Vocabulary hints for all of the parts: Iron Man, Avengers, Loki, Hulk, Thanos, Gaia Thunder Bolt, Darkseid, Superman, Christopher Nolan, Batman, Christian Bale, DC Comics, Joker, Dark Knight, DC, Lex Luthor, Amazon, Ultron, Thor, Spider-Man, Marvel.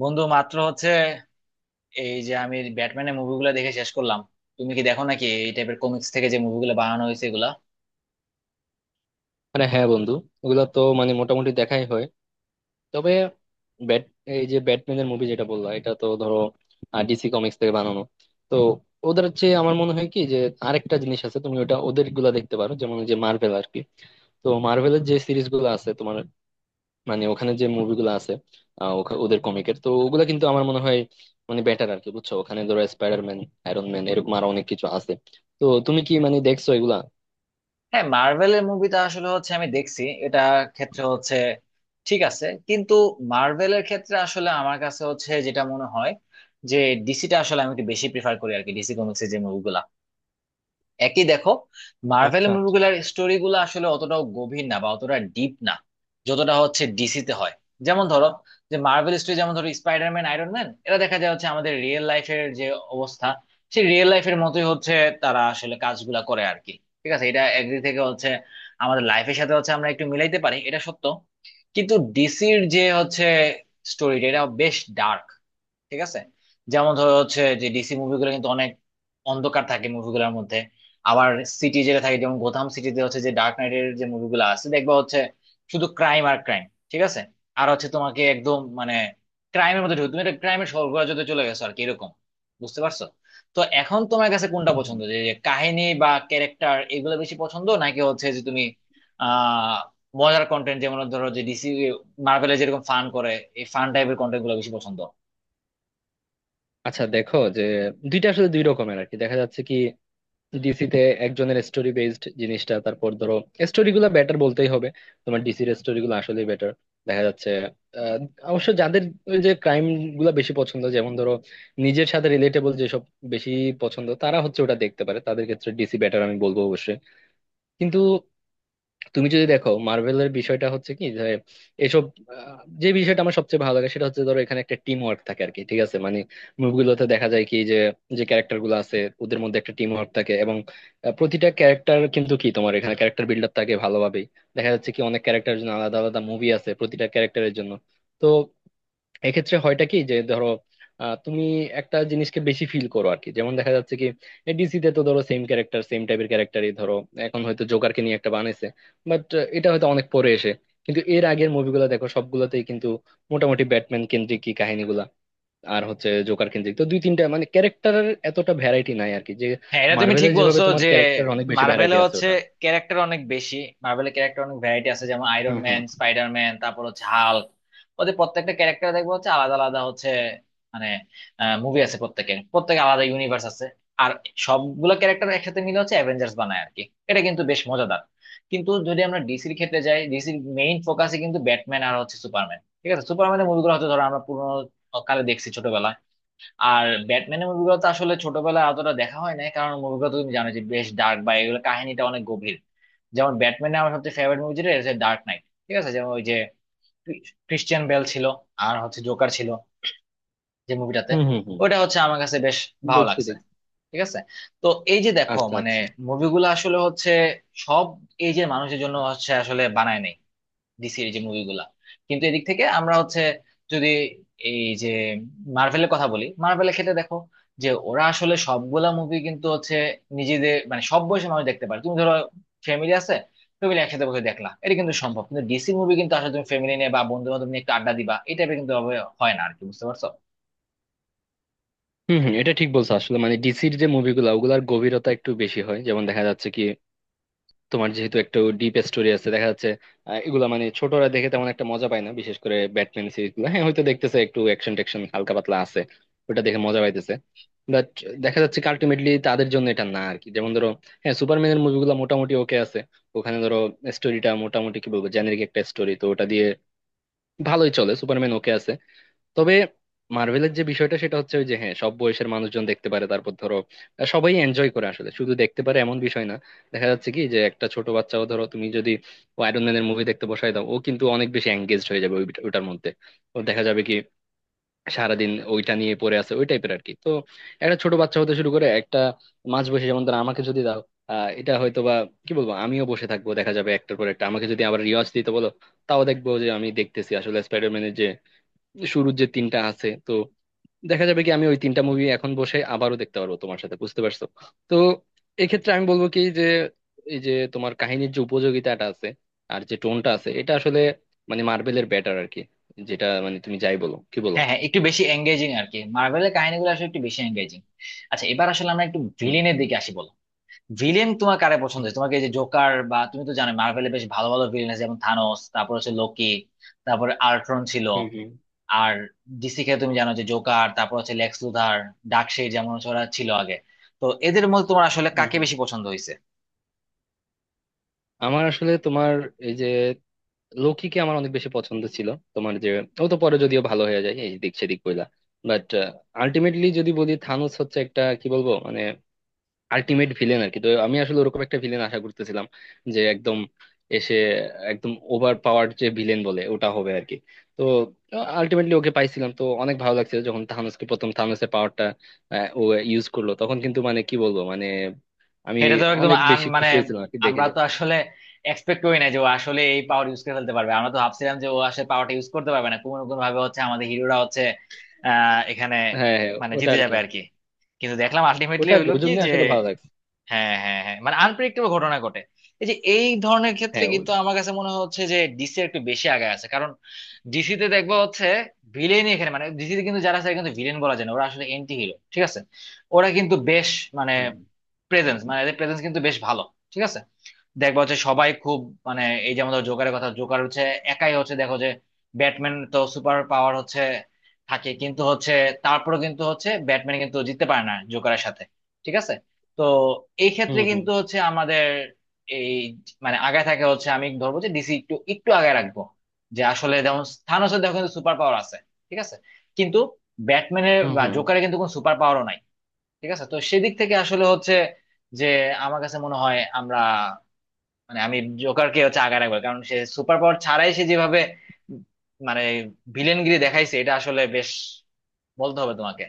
বন্ধু মাত্র হচ্ছে এই যে আমি ব্যাটম্যানের মুভিগুলো দেখে শেষ করলাম। তুমি কি দেখো নাকি এই টাইপের কমিক্স থেকে যে মুভিগুলো বানানো হয়েছে এগুলা? মানে হ্যাঁ বন্ধু, ওগুলা তো মানে মোটামুটি দেখাই হয়। তবে ব্যাট এই যে ব্যাটম্যানের মুভি যেটা বললা, এটা তো ধরো ডিসি কমিক্স থেকে বানানো। তো ওদের চেয়ে আমার মনে হয় কি যে আরেকটা জিনিস আছে, তুমি ওটা ওদের গুলা দেখতে পারো, যেমন ওই যে মার্ভেল আর কি। তো মার্ভেলের যে সিরিজ গুলো আছে তোমার, মানে ওখানে যে মুভিগুলো আছে, ওদের কমিকের তো ওগুলা কিন্তু আমার মনে হয় মানে বেটার আর কি, বুঝছো? ওখানে ধরো স্পাইডারম্যান, আয়রন ম্যান, এরকম আরো অনেক কিছু আছে। তো তুমি কি মানে দেখছো এগুলা? হ্যাঁ, মার্ভেলের মুভিটা আসলে হচ্ছে আমি দেখছি এটা, ক্ষেত্রে হচ্ছে ঠিক আছে। কিন্তু মার্ভেলের ক্ষেত্রে আসলে আমার কাছে হচ্ছে যেটা মনে হয় যে ডিসিটা আসলে আমি একটু বেশি প্রিফার করি আর কি, ডিসি কমিক্সের যে মুভিগুলা একই দেখো, মার্ভেল মুভিগুলোর স্টোরি গুলো আসলে অতটাও গভীর না বা অতটা ডিপ না, যতটা হচ্ছে ডিসিতে হয়। যেমন ধরো যে মার্ভেল স্টোরি, যেমন ধরো স্পাইডারম্যান, আয়রন ম্যান, এরা দেখা যায় হচ্ছে আমাদের রিয়েল লাইফের যে অবস্থা, সেই রিয়েল লাইফের মতোই হচ্ছে তারা আসলে কাজগুলা করে আর কি। ঠিক আছে, এটা একদিক থেকে হচ্ছে আমাদের লাইফের সাথে হচ্ছে আমরা একটু মিলাইতে পারি, এটা সত্য। কিন্তু ডিসির যে হচ্ছে স্টোরিটা, এটা বেশ ডার্ক। ঠিক আছে, যেমন ধরো হচ্ছে যে ডিসি মুভিগুলো কিন্তু অনেক অন্ধকার থাকে মুভিগুলোর মধ্যে। আবার সিটি যেটা থাকে, যেমন গোথাম সিটিতে হচ্ছে যে ডার্ক নাইটের যে মুভিগুলো আছে দেখবা হচ্ছে শুধু ক্রাইম আর ক্রাইম। ঠিক আছে, আর হচ্ছে তোমাকে একদম মানে ক্রাইমের মধ্যে ঢুকে তুমি একটা ক্রাইমের স্বর্গরাজ্যতে চলে গেছো আর কি, এরকম। বুঝতে পারছো? তো এখন তোমার কাছে কোনটা পছন্দ, যে যে কাহিনী বা ক্যারেক্টার এগুলো বেশি পছন্দ, নাকি হচ্ছে যে তুমি আহ মজার কন্টেন্ট, যেমন ধরো যে ডিসি, মার্ভেলে যেরকম ফান করে, এই ফান টাইপের কন্টেন্ট গুলো বেশি পছন্দ? আচ্ছা দেখো যে, দুইটা আসলে দুই রকমের আর কি, দেখা যাচ্ছে কি ডিসি তে একজনের স্টোরি বেসড জিনিসটা। তারপর ধরো স্টোরি গুলা বেটার বলতেই হবে, তোমার ডিসির স্টোরি গুলো আসলে বেটার, দেখা যাচ্ছে। আহ, অবশ্য যাদের ওই যে ক্রাইম গুলা বেশি পছন্দ, যেমন ধরো নিজের সাথে রিলেটেবল যেসব বেশি পছন্দ, তারা হচ্ছে ওটা দেখতে পারে, তাদের ক্ষেত্রে ডিসি বেটার আমি বলবো অবশ্যই। কিন্তু তুমি যদি দেখো মার্ভেলের বিষয়টা হচ্ছে কি যে এসব, যে বিষয়টা আমার সবচেয়ে ভালো লাগে সেটা হচ্ছে ধরো এখানে একটা টিম ওয়ার্ক থাকে আর কি, ঠিক আছে? মানে মুভিগুলোতে দেখা যায় কি যে, যে ক্যারেক্টার গুলো আছে ওদের মধ্যে একটা টিম ওয়ার্ক থাকে এবং প্রতিটা ক্যারেক্টার কিন্তু কি, তোমার এখানে ক্যারেক্টার বিল্ড আপ থাকে ভালোভাবেই। দেখা যাচ্ছে কি অনেক ক্যারেক্টারের জন্য আলাদা আলাদা মুভি আছে, প্রতিটা ক্যারেক্টারের জন্য। তো এক্ষেত্রে হয়টা কি যে ধরো তুমি একটা জিনিসকে বেশি ফিল করো আর কি। যেমন দেখা যাচ্ছে কি ডিসিতে তো ধরো সেম ক্যারেক্টার, সেম টাইপের ক্যারেক্টারই, ধরো এখন হয়তো জোকারকে নিয়ে একটা বানাইছে, বাট এটা হয়তো অনেক পরে এসে। কিন্তু এর আগের মুভিগুলো দেখো, সবগুলোতেই কিন্তু মোটামুটি ব্যাটম্যান কেন্দ্রিক কি কাহিনীগুলা, আর হচ্ছে জোকার কেন্দ্রিক, তো দুই তিনটা মানে ক্যারেক্টারের এতটা ভ্যারাইটি নাই আর কি, যে হ্যাঁ, এটা তুমি ঠিক মার্ভেলের যেভাবে বলছো তোমার যে ক্যারেক্টার অনেক বেশি মার্ভেলে ভ্যারাইটি আছে হচ্ছে ওটা। ক্যারেক্টার অনেক বেশি। মার্ভেলের ক্যারেক্টার অনেক ভ্যারাইটি আছে, যেমন আয়রন হুম, হুম, ম্যান, স্পাইডার ম্যান, তারপর হচ্ছে হাল্ক। ওদের প্রত্যেকটা ক্যারেক্টার দেখবো হচ্ছে আলাদা আলাদা হচ্ছে, মানে মুভি আছে প্রত্যেকের, প্রত্যেকে আলাদা ইউনিভার্স আছে। আর সবগুলো ক্যারেক্টার একসাথে মিলে হচ্ছে অ্যাভেঞ্জার্স বানায় আর কি। এটা কিন্তু বেশ মজাদার। কিন্তু যদি আমরা ডিসির ক্ষেত্রে যাই, ডিসির মেইন ফোকাসে কিন্তু ব্যাটম্যান আর হচ্ছে সুপারম্যান। ঠিক আছে, সুপারম্যানের মুভিগুলো হয়তো ধরো আমরা পুরোনো কালে দেখছি ছোটবেলায়। আর ব্যাটম্যানের মুভিগুলো তো আসলে ছোটবেলায় অতটা দেখা হয় নাই, কারণ মুভিগুলো তুমি জানো যে বেশ ডার্ক, বা এগুলো কাহিনীটা অনেক গভীর। যেমন ব্যাটম্যানের আমার সবচেয়ে ফেভারিট মুভি যেটা হচ্ছে ডার্ক নাইট। ঠিক আছে, যেমন ওই যে ক্রিশ্চিয়ান বেল ছিল আর হচ্ছে জোকার ছিল যে মুভিটাতে, হুম। হুম, হুম। ওটা হচ্ছে আমার কাছে বেশ ভালো দেখছি, লাগছে। দেখছি। ঠিক আছে, তো এই যে দেখো আচ্ছা, মানে আচ্ছা। মুভিগুলো আসলে হচ্ছে সব এই যে মানুষের জন্য হচ্ছে আসলে বানায় নাই ডিসির এই যে মুভিগুলা। কিন্তু এদিক থেকে আমরা হচ্ছে, যদি এই যে মার্ভেলের কথা বলি, মার্ভেলের ক্ষেত্রে দেখো যে ওরা আসলে সবগুলা মুভি কিন্তু হচ্ছে নিজেদের মানে সব বয়সী মানুষ দেখতে পারে। তুমি ধরো ফ্যামিলি আছে, ফ্যামিলি একসাথে বসে দেখলা এটা কিন্তু সম্ভব। কিন্তু ডিসি মুভি কিন্তু আসলে তুমি ফ্যামিলি নিয়ে বা বন্ধু বান্ধব নিয়ে একটু আড্ডা দিবা এই টাইপের, কিন্তু ওভাবে হয় না আর কি। বুঝতে পারছো? হম, হম, এটা ঠিক বলছো আসলে। মানে ডিসির যে মুভিগুলো ওগুলার গভীরতা একটু বেশি হয়, যেমন দেখা যাচ্ছে কি তোমার, যেহেতু একটু ডিপ স্টোরি আছে দেখা যাচ্ছে। এগুলা মানে ছোটরা দেখে তেমন একটা মজা পায় না, বিশেষ করে ব্যাটম্যান সিরিজ গুলো। হ্যাঁ, হয়তো দেখতেছে একটু অ্যাকশন ট্যাকশন হালকা পাতলা আছে, ওটা দেখে মজা পাইতেছে, বাট দেখা যাচ্ছে কি আলটিমেটলি তাদের জন্য এটা না আর কি। যেমন ধরো, হ্যাঁ সুপারম্যানের মুভিগুলো মোটামুটি ওকে আছে। ওখানে ধরো স্টোরিটা মোটামুটি কি বলবো, জেনারিক একটা স্টোরি, তো ওটা দিয়ে ভালোই চলে, সুপারম্যান ওকে আছে। তবে মার্ভেলের যে বিষয়টা সেটা হচ্ছে ওই যে, হ্যাঁ সব বয়সের মানুষজন দেখতে পারে, তারপর ধরো সবাই এনজয় করে আসলে, শুধু দেখতে পারে এমন বিষয় না। দেখা যাচ্ছে কি যে একটা ছোট বাচ্চাও, ধরো তুমি যদি আয়রন ম্যানের মুভি দেখতে বসাই দাও, ও কিন্তু অনেক বেশি এঙ্গেজড হয়ে যাবে ওইটার মধ্যে। ও দেখা যাবে কি সারাদিন ওইটা নিয়ে পড়ে আছে, ওই টাইপের আর কি। তো একটা ছোট বাচ্চা হতে শুরু করে একটা মাঝ বয়সে, যেমন ধরো আমাকে যদি দাও, আহ এটা হয়তো বা কি বলবো, আমিও বসে থাকবো। দেখা যাবে একটার পর একটা, আমাকে যদি আবার রিওয়াজ দিতে বলো, তাও দেখবো। যে আমি দেখতেছি আসলে স্পাইডারম্যানের যে শুরুর যে তিনটা আছে তো, দেখা যাবে কি আমি ওই তিনটা মুভি এখন বসে আবারও দেখতে পারবো তোমার সাথে, বুঝতে পারছো? তো এক্ষেত্রে আমি বলবো কি যে এই যে তোমার কাহিনীর যে উপযোগিতাটা আছে, আর যে টোনটা আছে, এটা আসলে মানে মার্বেলের বেটার আর কি, যেটা মানে তুমি যাই বলো কি বলো। হ্যাঁ হ্যাঁ, একটু বেশি এঙ্গেজিং আর কি, মার্ভেলের কাহিনীগুলো আসলে একটু বেশি এঙ্গেজিং। আচ্ছা, এবার আসলে আমরা একটু হুম, ভিলেনের দিকে আসি, বলো ভিলেন তোমার কারে পছন্দ হুম, হয়েছে? তোমাকে এই যে জোকার, বা তুমি তো জানো মার্ভেলে বেশ ভালো ভালো ভিলেন আছে, যেমন থানোস, তারপর হচ্ছে লোকি, তারপর আল্ট্রন ছিল। হুম। আর ডিসি কে তুমি জানো যে জোকার, তারপর হচ্ছে লেক্স লুথার, ডার্কসাইড, যেমন হচ্ছে ওরা ছিল আগে। তো এদের মধ্যে তোমার আসলে হুম, কাকে হুম। বেশি পছন্দ হয়েছে? আমার আসলে তোমার এই যে লৌকিকে আমার অনেক বেশি পছন্দ ছিল। তোমার যে, ও তো পরে যদিও ভালো হয়ে যায় এই দিক সেদিক কইলা, বাট আলটিমেটলি যদি বলি থানোস হচ্ছে একটা কি বলবো মানে আলটিমেট ভিলেন আর কি। তো আমি আসলে ওরকম একটা ভিলেন আশা করতেছিলাম, যে একদম এসে একদম ওভার পাওয়ার যে ভিলেন বলে ওটা হবে আর কি। তো আলটিমেটলি ওকে পাইছিলাম তো অনেক ভালো লাগছিল, যখন থানোসকে প্রথম থানোসের পাওয়ারটা ও ইউজ করলো তখন কিন্তু মানে কি বলবো, মানে আমি এটা তো একদম অনেক আন বেশি মানে, খুশি হয়েছিলাম আর কি দেখে, আমরা যে তো আসলে এক্সপেক্ট করি না যে ও আসলে এই পাওয়ার ইউজ করে ফেলতে পারবে। আমরা তো ভাবছিলাম যে ও আসলে পাওয়ারটা ইউজ করতে পারবে না, কোনো কোনো ভাবে হচ্ছে আমাদের হিরোরা হচ্ছে এখানে হ্যাঁ, হ্যাঁ। মানে ওটা জিতে আর কি যাবে আর কি। কিন্তু দেখলাম আলটিমেটলি ওটা আর কি হলো ওর কি জন্য যে আসলে ভালো লাগছে। হ্যাঁ হ্যাঁ হ্যাঁ, মানে আনপ্রেডিক্টেবল ঘটনা ঘটে। এই যে এই ধরনের ক্ষেত্রে হ্যাঁ, কিন্তু আমার কাছে মনে হচ্ছে যে ডিসি একটু বেশি আগে আছে, কারণ ডিসি তে দেখবো হচ্ছে ভিলেনই এখানে, মানে ডিসি তে কিন্তু যারা আছে এরা কিন্তু ভিলেন বলা যায় না, ওরা আসলে এন্টি হিরো। ঠিক আছে, ওরা কিন্তু বেশ মানে হুম, প্রেজেন্স, মানে এদের প্রেজেন্স কিন্তু বেশ ভালো। ঠিক আছে, দেখবা হচ্ছে সবাই খুব মানে এই যে আমাদের জোকারের কথা, জোকার হচ্ছে একাই, হচ্ছে দেখো যে ব্যাটম্যান তো সুপার পাওয়ার হচ্ছে থাকে কিন্তু হচ্ছে, তারপরে কিন্তু হচ্ছে ব্যাটম্যান কিন্তু জিততে পারে না জোকারের সাথে। ঠিক আছে, তো এই হুম, ক্ষেত্রে হুম। কিন্তু হচ্ছে আমাদের এই মানে আগায় থাকে হচ্ছে আমি ধরবো যে ডিসি একটু একটু আগায় রাখবো, যে আসলে যেমন থানোসের দেখো কিন্তু সুপার পাওয়ার আছে। ঠিক আছে, কিন্তু ব্যাটম্যানের হুম, বা হুম। জোকারের কিন্তু কোনো সুপার পাওয়ারও নাই। ঠিক আছে, তো সেদিক থেকে আসলে হচ্ছে যে আমার কাছে মনে হয় আমরা, মানে আমি জোকারকে হচ্ছে আগায় রাখবো, কারণ সে সুপার পাওয়ার ছাড়াই সে যেভাবে মানে ভিলেনগিরি দেখাইছে, এটা আসলে বেশ বলতে হবে তোমাকে।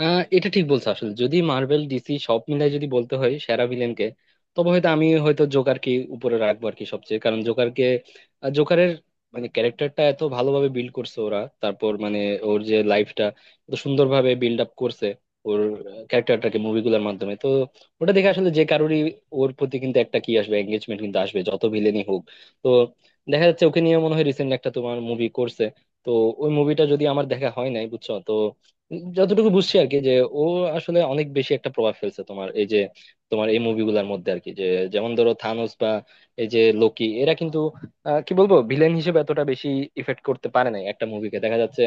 আহ এটা ঠিক বলছো আসলে। যদি মার্বেল ডিসি সব মিলাই যদি বলতে হয় সেরা ভিলেনকে, তবে হয়তো আমি হয়তো জোকারকে উপরে রাখবো আর কি সবচেয়ে, কারণ জোকারকে জোকারের মানে ক্যারেক্টারটা এত ভালোভাবে বিল্ড করছে ওরা, তারপর মানে ওর যে লাইফটা এত সুন্দরভাবে বিল্ড আপ করছে, ওর ক্যারেক্টারটাকে মুভিগুলোর মাধ্যমে। তো ওটা দেখে আসলে যে কারোরই ওর প্রতি কিন্তু একটা কি আসবে, এঙ্গেজমেন্ট কিন্তু আসবে যত ভিলেনই হোক। তো দেখা যাচ্ছে ওকে নিয়ে মনে হয় রিসেন্ট একটা তোমার মুভি করছে। তো ওই মুভিটা যদি আমার দেখা হয় নাই, বুঝছো? তো যতটুকু বুঝছি আর কি যে ও আসলে অনেক বেশি একটা প্রভাব ফেলছে তোমার এই যে তোমার এই মুভিগুলোর মধ্যে আর কি। যে যেমন ধরো থানোস বা এই যে লোকি, এরা কিন্তু কি বলবো ভিলেন হিসেবে এতটা বেশি ইফেক্ট করতে পারে নাই একটা মুভিকে, দেখা যাচ্ছে।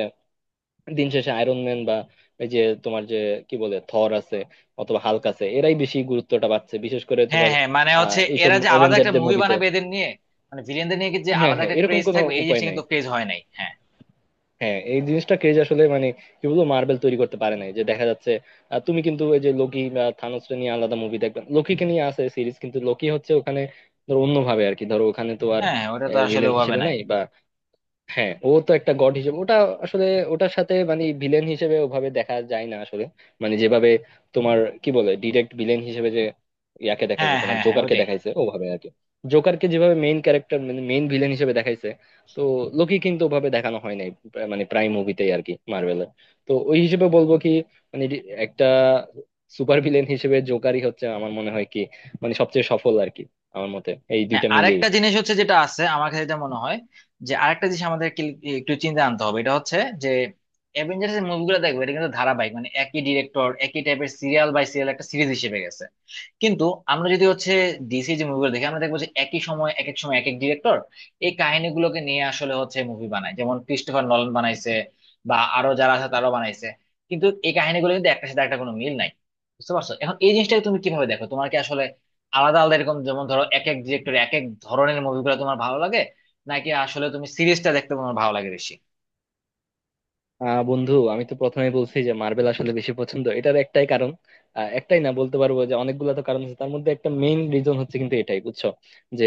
দিন শেষে আয়রন ম্যান বা এই যে তোমার যে কি বলে থর আছে, অথবা হাল্ক আছে, এরাই বেশি গুরুত্বটা পাচ্ছে বিশেষ করে হ্যাঁ তোমার হ্যাঁ, মানে আহ হচ্ছে এইসব এরা যে আলাদা একটা অ্যাভেঞ্জারদের মুভি মুভিতে। বানাবে এদের নিয়ে, মানে ভিলেনদের নিয়ে কি যে হ্যাঁ, আলাদা হ্যাঁ, একটা এরকম ক্রেজ কোনো থাকবে এই উপায় জিনিসটা নাই। কিন্তু ক্রেজ হয় নাই। হ্যাঁ হ্যাঁ এই জিনিসটা কেজ আসলে মানে কি বলবো, মার্বেল তৈরি করতে পারে নাই, যে দেখা যাচ্ছে তুমি কিন্তু ওই যে লোকি বা থানোসকে নিয়ে আলাদা মুভি দেখবে। লোকিকে নিয়ে আছে সিরিজ, কিন্তু লোকি হচ্ছে ওখানে ধরো অন্যভাবে আর কি। ধরো ওখানে তো আর হ্যাঁ হ্যাঁ, ওটা তো আসলে ভিলেন ওভাবে হিসেবে নাই। নাই বা, হ্যাঁ ও তো একটা গড হিসেবে ওটা আসলে। ওটার সাথে মানে ভিলেন হিসেবে ওভাবে দেখা যায় না আসলে। মানে যেভাবে তোমার কি বলে ডিরেক্ট ভিলেন হিসেবে যে ইয়াকে দেখাইছে, হ্যাঁ তোমার হ্যাঁ হ্যাঁ, জোকারকে ওইটাই। দেখাইছে ওভাবে আর কি। জোকারকে যেভাবে মেইন ক্যারেক্টার মানে মেইন ভিলেন হিসেবে দেখাইছে, তো লোকি কিন্তু ওভাবে দেখানো হয় নাই মানে প্রাইম মুভিতেই আর কি মার্ভেলের। তো ওই হিসেবে বলবো কি মানে একটা সুপার ভিলেন হিসেবে জোকারই হচ্ছে আমার মনে হয় কি, মানে সবচেয়ে সফল আর কি আমার মতে, এই হ্যাঁ, দুইটা মিলিয়ে। আরেকটা জিনিস হচ্ছে যেটা আছে আমার কাছে, যেটা মনে হয় যে আরেকটা জিনিস আমাদের কি- একটু চিন্তা আনতে হবে, এটা হচ্ছে যে অ্যাভেঞ্জার্স এর মুভিগুলো দেখবে এটা কিন্তু ধারাবাহিক, মানে একই ডিরেক্টর, একই টাইপের সিরিয়াল বাই সিরিয়াল একটা সিরিজ হিসেবে গেছে। কিন্তু আমরা যদি হচ্ছে ডিসি যে মুভিগুলো দেখি, আমরা দেখবো যে একই সময়, এক এক সময় এক এক ডিরেক্টর এই কাহিনীগুলোকে নিয়ে আসলে হচ্ছে মুভি বানায়, যেমন ক্রিস্টোফার নলন বানাইছে, বা আরো যারা আছে তারাও বানাইছে। কিন্তু এই কাহিনীগুলো কিন্তু একটার সাথে একটা কোনো মিল নাই। বুঝতে পারছো? এখন এই জিনিসটাকে তুমি কিভাবে দেখো, তোমার কি আসলে আলাদা আলাদা এরকম, যেমন ধরো এক এক ডিরেক্টর এক এক ধরনের মুভিগুলো তোমার ভালো লাগে, নাকি আসলে তুমি সিরিজটা দেখতে তোমার ভালো লাগে বেশি? আহ বন্ধু আমি তো প্রথমেই বলছি যে মার্বেল আসলে বেশি পছন্দ, এটার একটাই কারণ, একটাই না বলতে পারবো যে অনেকগুলো তো কারণ আছে, তার মধ্যে একটা মেইন রিজন হচ্ছে কিন্তু এটাই, বুঝছো? যে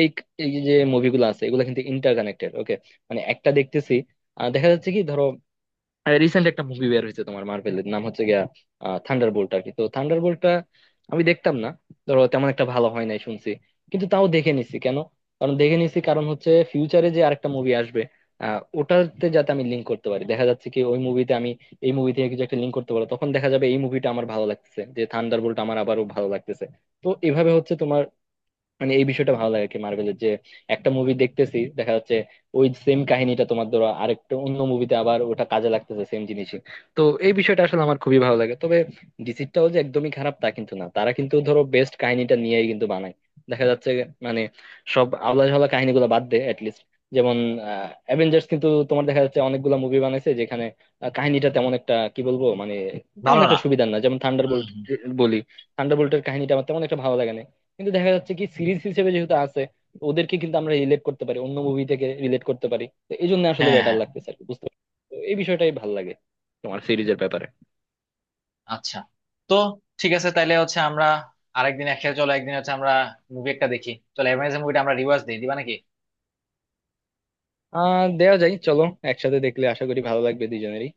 এই এই যে মুভিগুলো আছে এগুলো কিন্তু ইন্টার কানেক্টেড, ওকে? মানে একটা দেখতেছি দেখা যাচ্ছে কি ধরো রিসেন্ট একটা মুভি বের হয়েছে তোমার মার্ভেলের, নাম হচ্ছে গিয়া থান্ডার বোল্ট আর কি। তো থান্ডার বোল্টটা আমি দেখতাম না, ধরো তেমন একটা ভালো হয় নাই শুনছি, কিন্তু তাও দেখে নিছি কেন? কারণ দেখে নিছি কারণ হচ্ছে ফিউচারে যে আরেকটা মুভি আসবে, আহ ওটাতে যাতে আমি লিঙ্ক করতে পারি। দেখা যাচ্ছে কি ওই মুভিতে আমি এই মুভি থেকে কিছু একটা লিঙ্ক করতে পারবো, তখন দেখা যাবে এই মুভিটা আমার ভালো লাগতেছে, যে থান্ডার বোল্ট আমার আবারও ভালো লাগতেছে। তো এভাবে হচ্ছে তোমার মানে এই বিষয়টা ভালো লাগে আর কি, মার্ভেলের যে একটা মুভি দেখতেছি দেখা যাচ্ছে ওই সেম কাহিনীটা তোমার ধরো আরেকটা অন্য মুভিতে আবার ওটা কাজে লাগতেছে, সেম জিনিসই। তো এই বিষয়টা আসলে আমার খুবই ভালো লাগে। তবে ডিসিটাও যে একদমই খারাপ তা কিন্তু না, তারা কিন্তু ধরো বেস্ট কাহিনীটা নিয়েই কিন্তু বানায়, দেখা যাচ্ছে। মানে সব আলাদা ঝালা কাহিনীগুলো বাদ দেয় লিস্ট, যেমন অ্যাভেঞ্জার্স কিন্তু তোমার দেখা যাচ্ছে অনেকগুলো মুভি বানাইছে যেখানে কাহিনীটা তেমন একটা কি বলবো মানে তেমন ভালো না। একটা সুবিধার না, যেমন হুম থান্ডারবোল্ট হুম। বলি। থান্ডারবোল্টের কাহিনীটা আমার তেমন একটা ভালো লাগে না, কিন্তু দেখা যাচ্ছে কি সিরিজ হিসেবে যেহেতু আছে, ওদেরকে কিন্তু আমরা রিলেট করতে পারি অন্য মুভি থেকে রিলেট করতে পারি, তো এই জন্য আসলে হ্যাঁ হ্যাঁ। বেটার লাগতেছে আর কি, বুঝতে পারছো? তো এই বিষয়টাই ভালো লাগে তোমার সিরিজের ব্যাপারে। আচ্ছা, তো ঠিক আছে, তাইলে হচ্ছে আমরা আরেকদিন একসাথে, চলো একদিন হচ্ছে আমরা মুভি একটা দেখি। চলো অ্যামাজন মুভিটা আমরা রিওয়াজ দিই, দিবা নাকি? আহ দেওয়া যায় চলো। একসাথে দেখলে আশা করি ভালো লাগবে দুজনেরই।